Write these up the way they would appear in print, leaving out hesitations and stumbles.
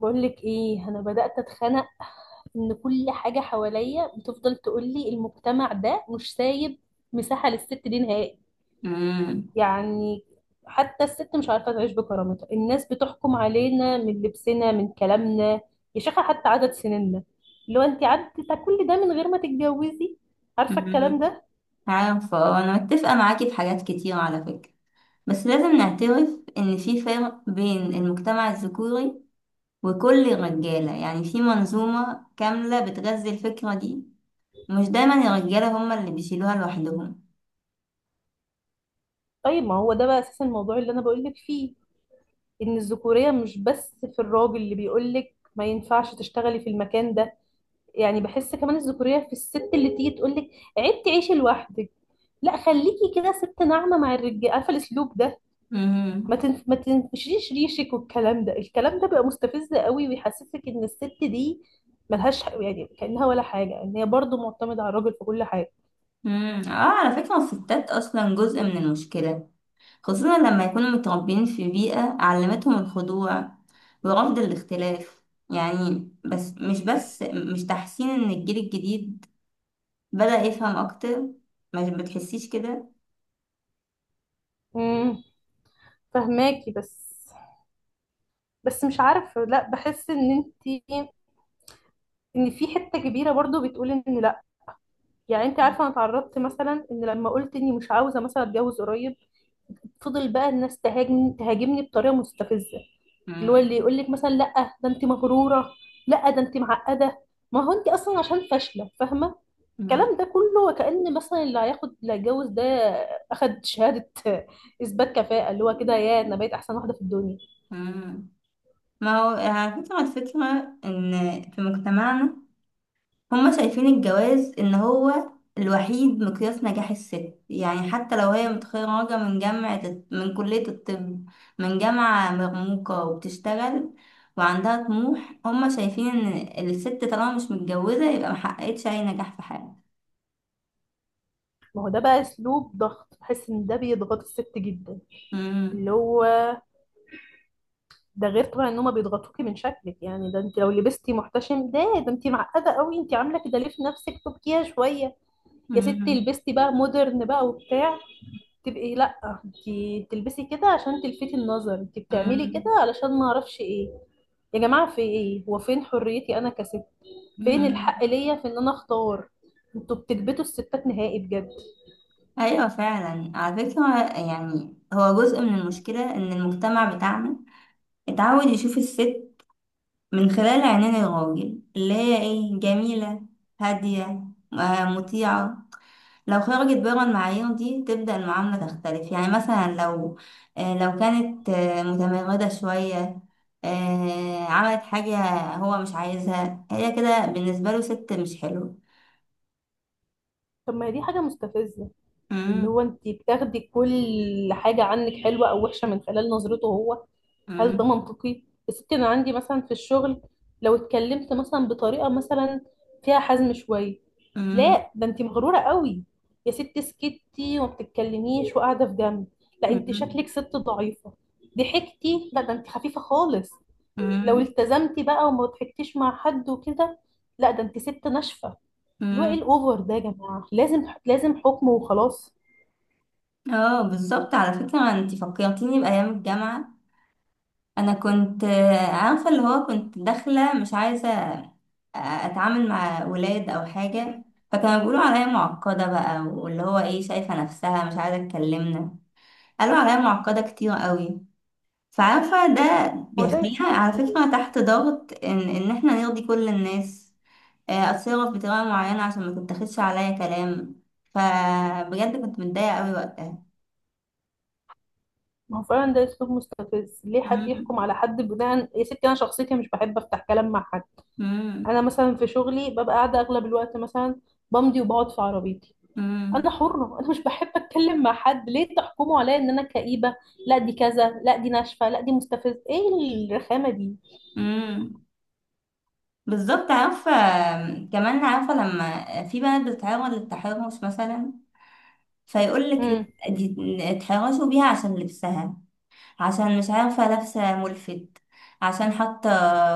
بقول لك ايه، انا بدأت اتخنق. ان كل حاجة حواليا بتفضل تقول لي المجتمع ده مش سايب مساحة للست دي نهائي. امم. يعني حتى الست مش عارفة تعيش بكرامتها. الناس بتحكم علينا من لبسنا، من كلامنا، يا شيخة حتى عدد سنيننا. لو انت عدت كل ده من غير ما تتجوزي، عارفة الكلام امم. ده. عارفة، آه، أنا متفقة معاكي في حاجات كتير على فكرة. بس لازم نعترف إن في فرق بين المجتمع الذكوري وكل الرجالة، يعني في منظومة كاملة بتغذي الفكرة دي. مش دايما الرجالة هما اللي بيشيلوها لوحدهم. طيب ما هو ده بقى اساس الموضوع اللي انا بقول لك فيه. ان الذكورية مش بس في الراجل اللي بيقول لك ما ينفعش تشتغلي في المكان ده. يعني بحس كمان الذكورية في الست اللي تيجي تقول لك عيب تعيشي لوحدك، لا خليكي كده ست ناعمة مع الرجالة، عارفة الأسلوب ده. امم. ما تنفشيش ريشك. والكلام ده، الكلام ده بيبقى مستفز قوي ويحسسك إن الست دي ملهاش، يعني كأنها ولا حاجة، إن هي برضه معتمدة على الراجل في كل حاجة. امم. اه، على فكرة الستات أصلا جزء من المشكلة، خصوصا لما يكونوا متربيين في بيئة علمتهم الخضوع ورفض الاختلاف. يعني بس مش تحسين إن الجيل الجديد بدأ يفهم أكتر؟ ما بتحسيش كده؟ امم، فهماكي، بس بس مش عارفة، لا بحس إن أنت، إن في حتة كبيرة برضه بتقول إن لا. يعني أنت عارفة أنا اتعرضت مثلا، إن لما قلت إني مش عاوزة مثلا أتجوز قريب، فضل بقى الناس تهاجمني بطريقه مستفزه. اللي هو مم. اللي يقول لك مثلا، لا ده انت مغروره، لا ده انت معقده، ما هو انت اصلا عشان فاشله، فاهمه مم. الكلام ده كله؟ وكأن مثلا اللي هياخد، اللي هيتجوز ده اخد شهاده اثبات كفاءه، اللي هو كده يا انا بقيت احسن واحده في الدنيا. مم. ما هو على فكرة الفكرة إن في مجتمعنا هما شايفين الجواز إن هو الوحيد مقياس نجاح الست، يعني حتى لو هي متخرجة من جامعة من كلية الطب، من جامعة مرموقة وبتشتغل وعندها طموح، هما شايفين إن الست طالما مش متجوزة يبقى محققتش أي نجاح في حياتها. ما هو ده بقى اسلوب ضغط، بحس ان ده بيضغط الست جدا. اللي مم. هو ده غير طبعا ان هما بيضغطوكي من شكلك، يعني ده انت لو لبستي محتشم، ده انت معقده قوي، انت عامله كده ليه في نفسك؟ تبكيها شويه. يا ستي مم. لبستي بقى مودرن بقى وبتاع، تبقي لا انتي بتلبسي كده عشان تلفتي النظر، انتي بتعملي كده مم. علشان ما اعرفش ايه. يا جماعه في ايه؟ هو فين حريتي انا كست؟ فين مم. الحق ليا في ان انا اختار؟ انتوا بتكبتوا الستات نهائي بجد. ايوه فعلا على فكره، يعني هو جزء من المشكله ان المجتمع بتاعنا اتعود يشوف الست من خلال عينين الراجل، اللي هي ايه، جميله، هاديه، مطيعه. لو خرجت بره المعايير دي تبدا المعامله تختلف، يعني مثلا لو كانت متمرده شويه، عملت حاجه، هو مش عايزها، هي كده بالنسبه له ست مش حلوه. طب ما هي دي حاجه مستفزه، اللي هو مم. انتي بتاخدي كل حاجه عنك، حلوه او وحشه، من خلال نظرته هو. هل ده مم. منطقي؟ يا ستي انا عندي مثلا في الشغل، لو اتكلمت مثلا بطريقه مثلا فيها حزم شويه، مم. لا ده انت مغروره قوي. يا ستي سكتي وما بتتكلميش وقاعده في جنب، لا انت مم. شكلك ست ضعيفه. ضحكتي، لا ده انت خفيفه خالص. لو مم. التزمتي بقى وما ضحكتيش مع حد وكده، لا ده انت ست ناشفه. اللي هو ايه مم. الاوفر ده يا جماعه؟ لازم حكم وخلاص. اه، بالظبط، على فكرة انت فكرتيني بأيام الجامعة. انا كنت، عارفة، اللي هو كنت داخلة مش عايزة، اتعامل مع ولاد او حاجة، فكانوا بيقولوا عليا معقدة بقى، واللي هو ايه، شايفة نفسها مش عايزة تكلمنا. قالوا عليا معقدة كتير قوي. فعارفة ده هو ده. بيخليها على فكرة تحت ضغط ان احنا نرضي كل الناس. آه، اتصرف بطريقة معينة عشان ما تتاخدش عليا كلام. فبجد كنت متضايقة قوي وقتها. ما هو فعلا ده اسلوب مستفز، ليه حد مم. يحكم على حد بناء؟ يا ستي انا شخصيتي مش بحب افتح كلام مع حد. انا مم. مثلا في شغلي ببقى قاعده اغلب الوقت مثلا بمضي وبقعد في عربيتي، انا امم. حره، انا مش بحب اتكلم مع حد، ليه تحكموا عليا ان انا كئيبه، لا دي كذا، لا دي ناشفه، لا دي مستفز ايه الرخامه دي؟ امم. بالظبط، عارفه كمان، عارفه لما في بنات بتتعرض للتحرش مثلا، فيقول لك امم، لا، دي اتحرشوا بيها عشان لبسها، عشان مش عارفه لابسه ملفت، عشان حاطه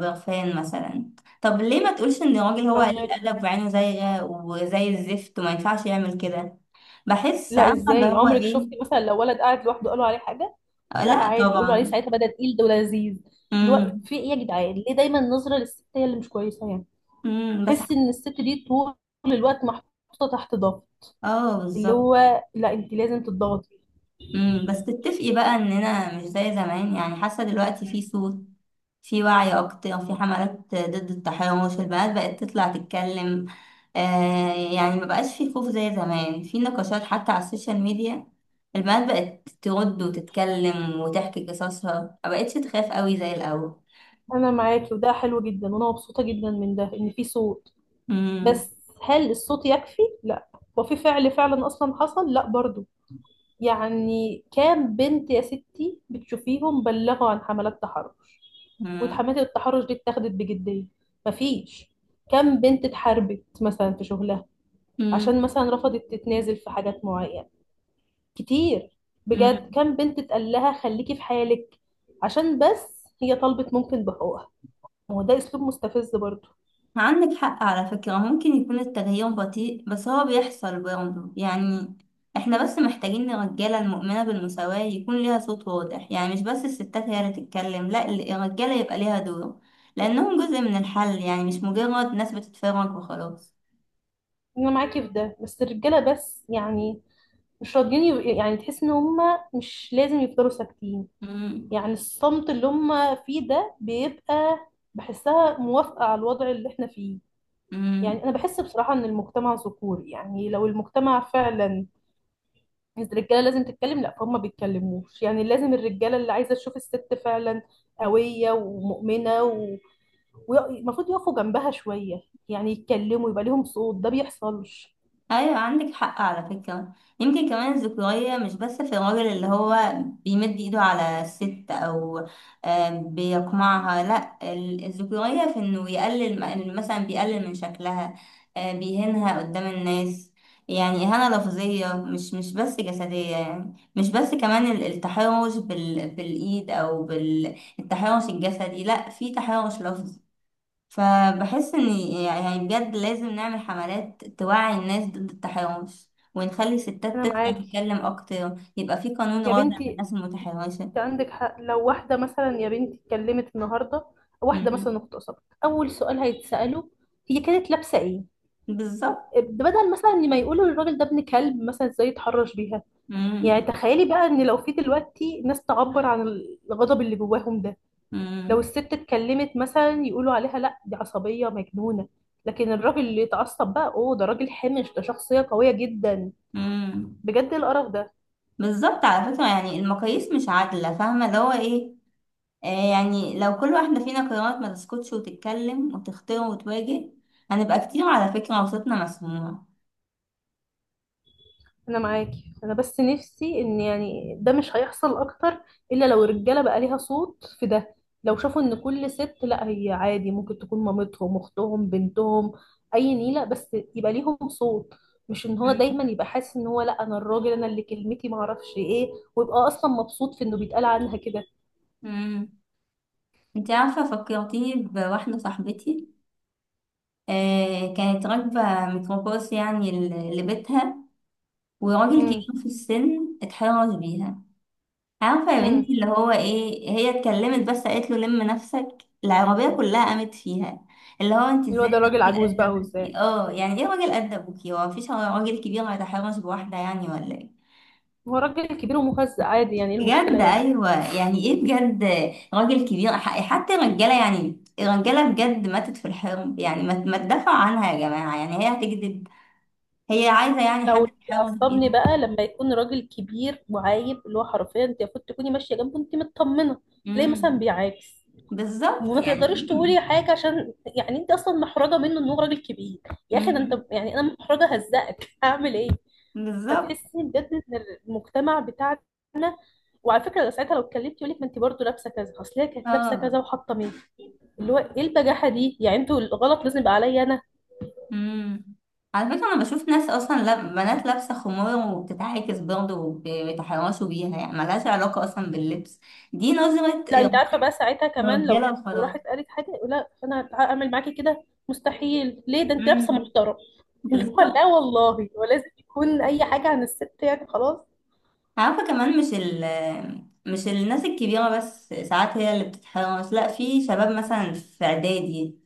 برفان مثلا. طب ليه ما تقولش ان الراجل هو قليل فاهمك. الادب وعينه زايغه وزي الزفت وما ينفعش يعمل كده؟ بحس، لا عارفه اللي ازاي؟ هو عمرك شفتي ايه. مثلا لو ولد قاعد لوحده قالوا عليه حاجه؟ آه، لا لا عادي، يقولوا عليه طبعا. ساعتها بدأ تقيل، ده لذيذ الوقت، امم. في ايه يا جدعان؟ ليه دايما النظره للست هي اللي مش كويسه؟ يعني امم، بس، تحسي ان الست دي طول الوقت محطوطه تحت ضغط. اه، اللي بالظبط. هو لا انت لازم تضغطي. بس تتفقي بقى اننا مش زي زمان، يعني حاسه دلوقتي في صوت، في وعي اكتر، في حملات ضد التحرش، البنات بقت تطلع تتكلم. آه يعني ما بقاش في خوف زي زمان، في نقاشات حتى على السوشيال ميديا، البنات بقت ترد وتتكلم وتحكي قصصها، ما بقتش تخاف قوي زي الاول. انا معاكي وده حلو جدا، وانا مبسوطه جدا من ده، ان في صوت. امم. بس هل الصوت يكفي؟ لا. وفي فعل فعلا اصلا حصل؟ لا برضو. يعني كام بنت يا ستي بتشوفيهم بلغوا عن حملات تحرش وحملات التحرش دي اتاخدت بجديه؟ مفيش. كام بنت اتحاربت مثلا في شغلها امم. عشان مثلا رفضت تتنازل في حاجات معينه؟ كتير، بجد. كام بنت اتقال لها خليكي في حالك عشان بس هي طلبت ممكن بحقوقها؟ ما هو ده اسلوب مستفز برضو. عندك حق على فكرة، ممكن يكون التغيير بطيء بس هو بيحصل برضه، يعني احنا بس محتاجين الرجالة المؤمنة بالمساواة يكون ليها صوت واضح، يعني مش بس الستات هي اللي تتكلم، لا، الرجالة يبقى ليها دور، لأنهم جزء من الحل، يعني مش مجرد ناس بتتفرج وخلاص. انا معاكي في ده، بس الرجاله بس يعني مش راضيين يعني تحس ان هم مش لازم يفضلوا ساكتين. يعني الصمت اللي هم فيه ده بيبقى، بحسها موافقه على الوضع اللي احنا فيه. يعني مم. انا بحس بصراحه ان المجتمع ذكوري، يعني لو المجتمع فعلا، الرجاله لازم تتكلم، لا فهم ما بيتكلموش. يعني لازم الرجاله اللي عايزه تشوف الست فعلا قويه ومؤمنه ومفروض يقفوا جنبها شويه، يعني يتكلموا يبقى ليهم صوت، ده بيحصلش. ايوه عندك حق على فكرة. يمكن كمان الذكورية مش بس في الراجل اللي هو بيمد ايده على الست او بيقمعها، لا، الذكورية في انه يقلل، مثلا بيقلل من شكلها، بيهينها قدام الناس، يعني إهانة لفظية، مش بس جسدية، يعني مش بس كمان التحرش بالإيد أو بالتحرش الجسدي، لأ في تحرش لفظي. فبحس ان، يعني بجد لازم نعمل حملات توعي الناس ضد التحرش، ونخلي الستات انا تطلع معاكي تتكلم اكتر، يبقى في قانون يا راضع عن بنتي، الناس المتحرشة. انت عندك حق. لو واحده مثلا يا بنتي اتكلمت النهارده، واحده مم. مثلا اغتصبت، اول سؤال هيتساله هي كانت لابسه ايه، بالظبط. بدل مثلا ما يقولوا للراجل ده ابن كلب مثلا ازاي يتحرش بيها. مم. يعني تخيلي بقى ان لو في دلوقتي ناس تعبر عن الغضب اللي جواهم ده، لو مم. الست اتكلمت مثلا يقولوا عليها لا دي عصبية مجنونة، لكن الراجل اللي يتعصب بقى اوه ده راجل حمش، ده شخصية قوية جدا. مم. بجد إيه القرف ده؟ بالظبط على فكرة، يعني المقاييس مش عادلة، فاهمة اللي هو ايه. آه يعني لو كل واحدة فينا قررت ما تسكتش وتتكلم وتختار وتواجه، هنبقى كتير على فكرة وصوتنا مسموع. انا معاكي، انا بس نفسي ان، يعني ده مش هيحصل اكتر الا لو الرجالة بقى ليها صوت في ده، لو شافوا ان كل ست لا هي عادي ممكن تكون مامتهم، اختهم، بنتهم، اي نيلة، بس يبقى ليهم صوت. مش ان هو مم. دايما يبقى حاسس ان هو لا انا الراجل، انا اللي كلمتي معرفش ايه، ويبقى اصلا مبسوط في انه بيتقال عنها كده. مم. انت عارفة فكرتيني بواحدة صاحبتي، كانت راكبة ميكروباص يعني لبيتها، وراجل كبير في السن اتحرش بيها. عارفة يا امم. بنتي اللي هو ايه، هي اتكلمت بس، قالت له لم نفسك. العربية كلها قامت فيها، اللي هو انت اللي هو ازاي، ده ده راجل راجل عجوز قد بقى، وازاي ابوكي. اه يعني ايه راجل قد ابوكي؟ هو مفيش راجل كبير هيتحرش بواحدة يعني، ولا ايه؟ هو راجل كبير ومهزأ عادي؟ يعني ايه المشكلة بجد يعني؟ ايوه، يعني ايه بجد، راجل كبير. حتى الرجاله، يعني الرجاله بجد ماتت في الحرب، يعني ما تدافعوا عنها يا جماعه، يعني هي هتكذب؟ هي عايزة يعني لا، حد واللي يحاول فيها. بيعصبني بقى لما يكون راجل كبير وعايب، اللي هو حرفيا انت المفروض تكوني ماشية جنبه انت مطمنة، تلاقيه مثلا امم. بيعاكس، بالظبط وما تقدريش يعني. تقولي حاجة عشان يعني انت اصلا محرجة منه ان هو راجل كبير. يا اخي ده انت، امم. يعني انا محرجة هزقك هعمل ايه؟ بالظبط. فتحسي بجد ان المجتمع بتاعنا، وعلى فكره ساعتها لو اتكلمت يقول لك ما انت برضه لابسه كذا، اصل هي كانت لابسه اه. كذا وحاطه مين. اللي هو ايه البجاحه دي؟ يعني انتوا الغلط لازم يبقى عليا انا. امم. على فكرة أنا بشوف ناس أصلا، بنات لابسة خمار وبتتعاكس برضه وبيتحرشوا بيها، يعني ملهاش علاقة أصلا باللبس، دي نظرة لا انت عارفه بقى ساعتها كمان لو، رجالة لو وخلاص. راحت قالت حاجه يقول لا انا هعمل معاكي كده، مستحيل ليه؟ ده انت لابسه امم. محترم. اللي هو بالظبط، لا والله، هو لازم يكون اي حاجه عن الست يعني خلاص. عارفة كمان مش ال مش الناس الكبيرة بس ساعات هي اللي بتتحرش، لا، في شباب مثلا في إعدادي،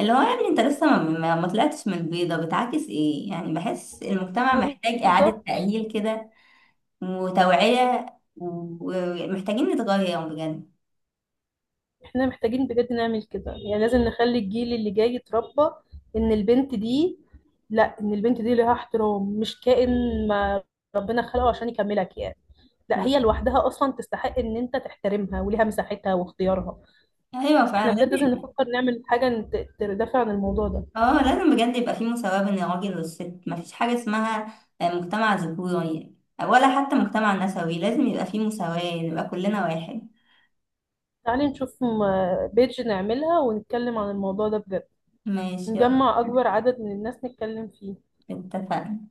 اللي هو يعني انت لسه، ما طلعتش من البيضة، بتعاكس ايه يعني؟ بحس المجتمع هو محتاج إعادة بالظبط. تأهيل كده، وتوعية و- ومحتاجين نتغير بجد. احنا محتاجين بجد نعمل كده، يعني لازم نخلي الجيل اللي جاي يتربى ان البنت دي، لا ان البنت دي لها احترام، مش كائن ما ربنا خلقه عشان يكملك يعني، لا ب- هي لوحدها اصلا تستحق ان انت تحترمها وليها مساحتها واختيارها. ايوه احنا فعلا بجد لازم لازم. نفكر نعمل حاجة تدافع عن الموضوع ده. اه لازم بجد يبقى في مساواة بين الراجل والست، مفيش حاجة اسمها مجتمع ذكوري ولا حتى مجتمع نسوي، لازم يبقى في مساواة نبقى كلنا واحد. تعالي نشوف بيج نعملها ونتكلم عن الموضوع ده بجد، ماشي، يلا. نجمع أكبر عدد من الناس نتكلم فيه. اتفقنا.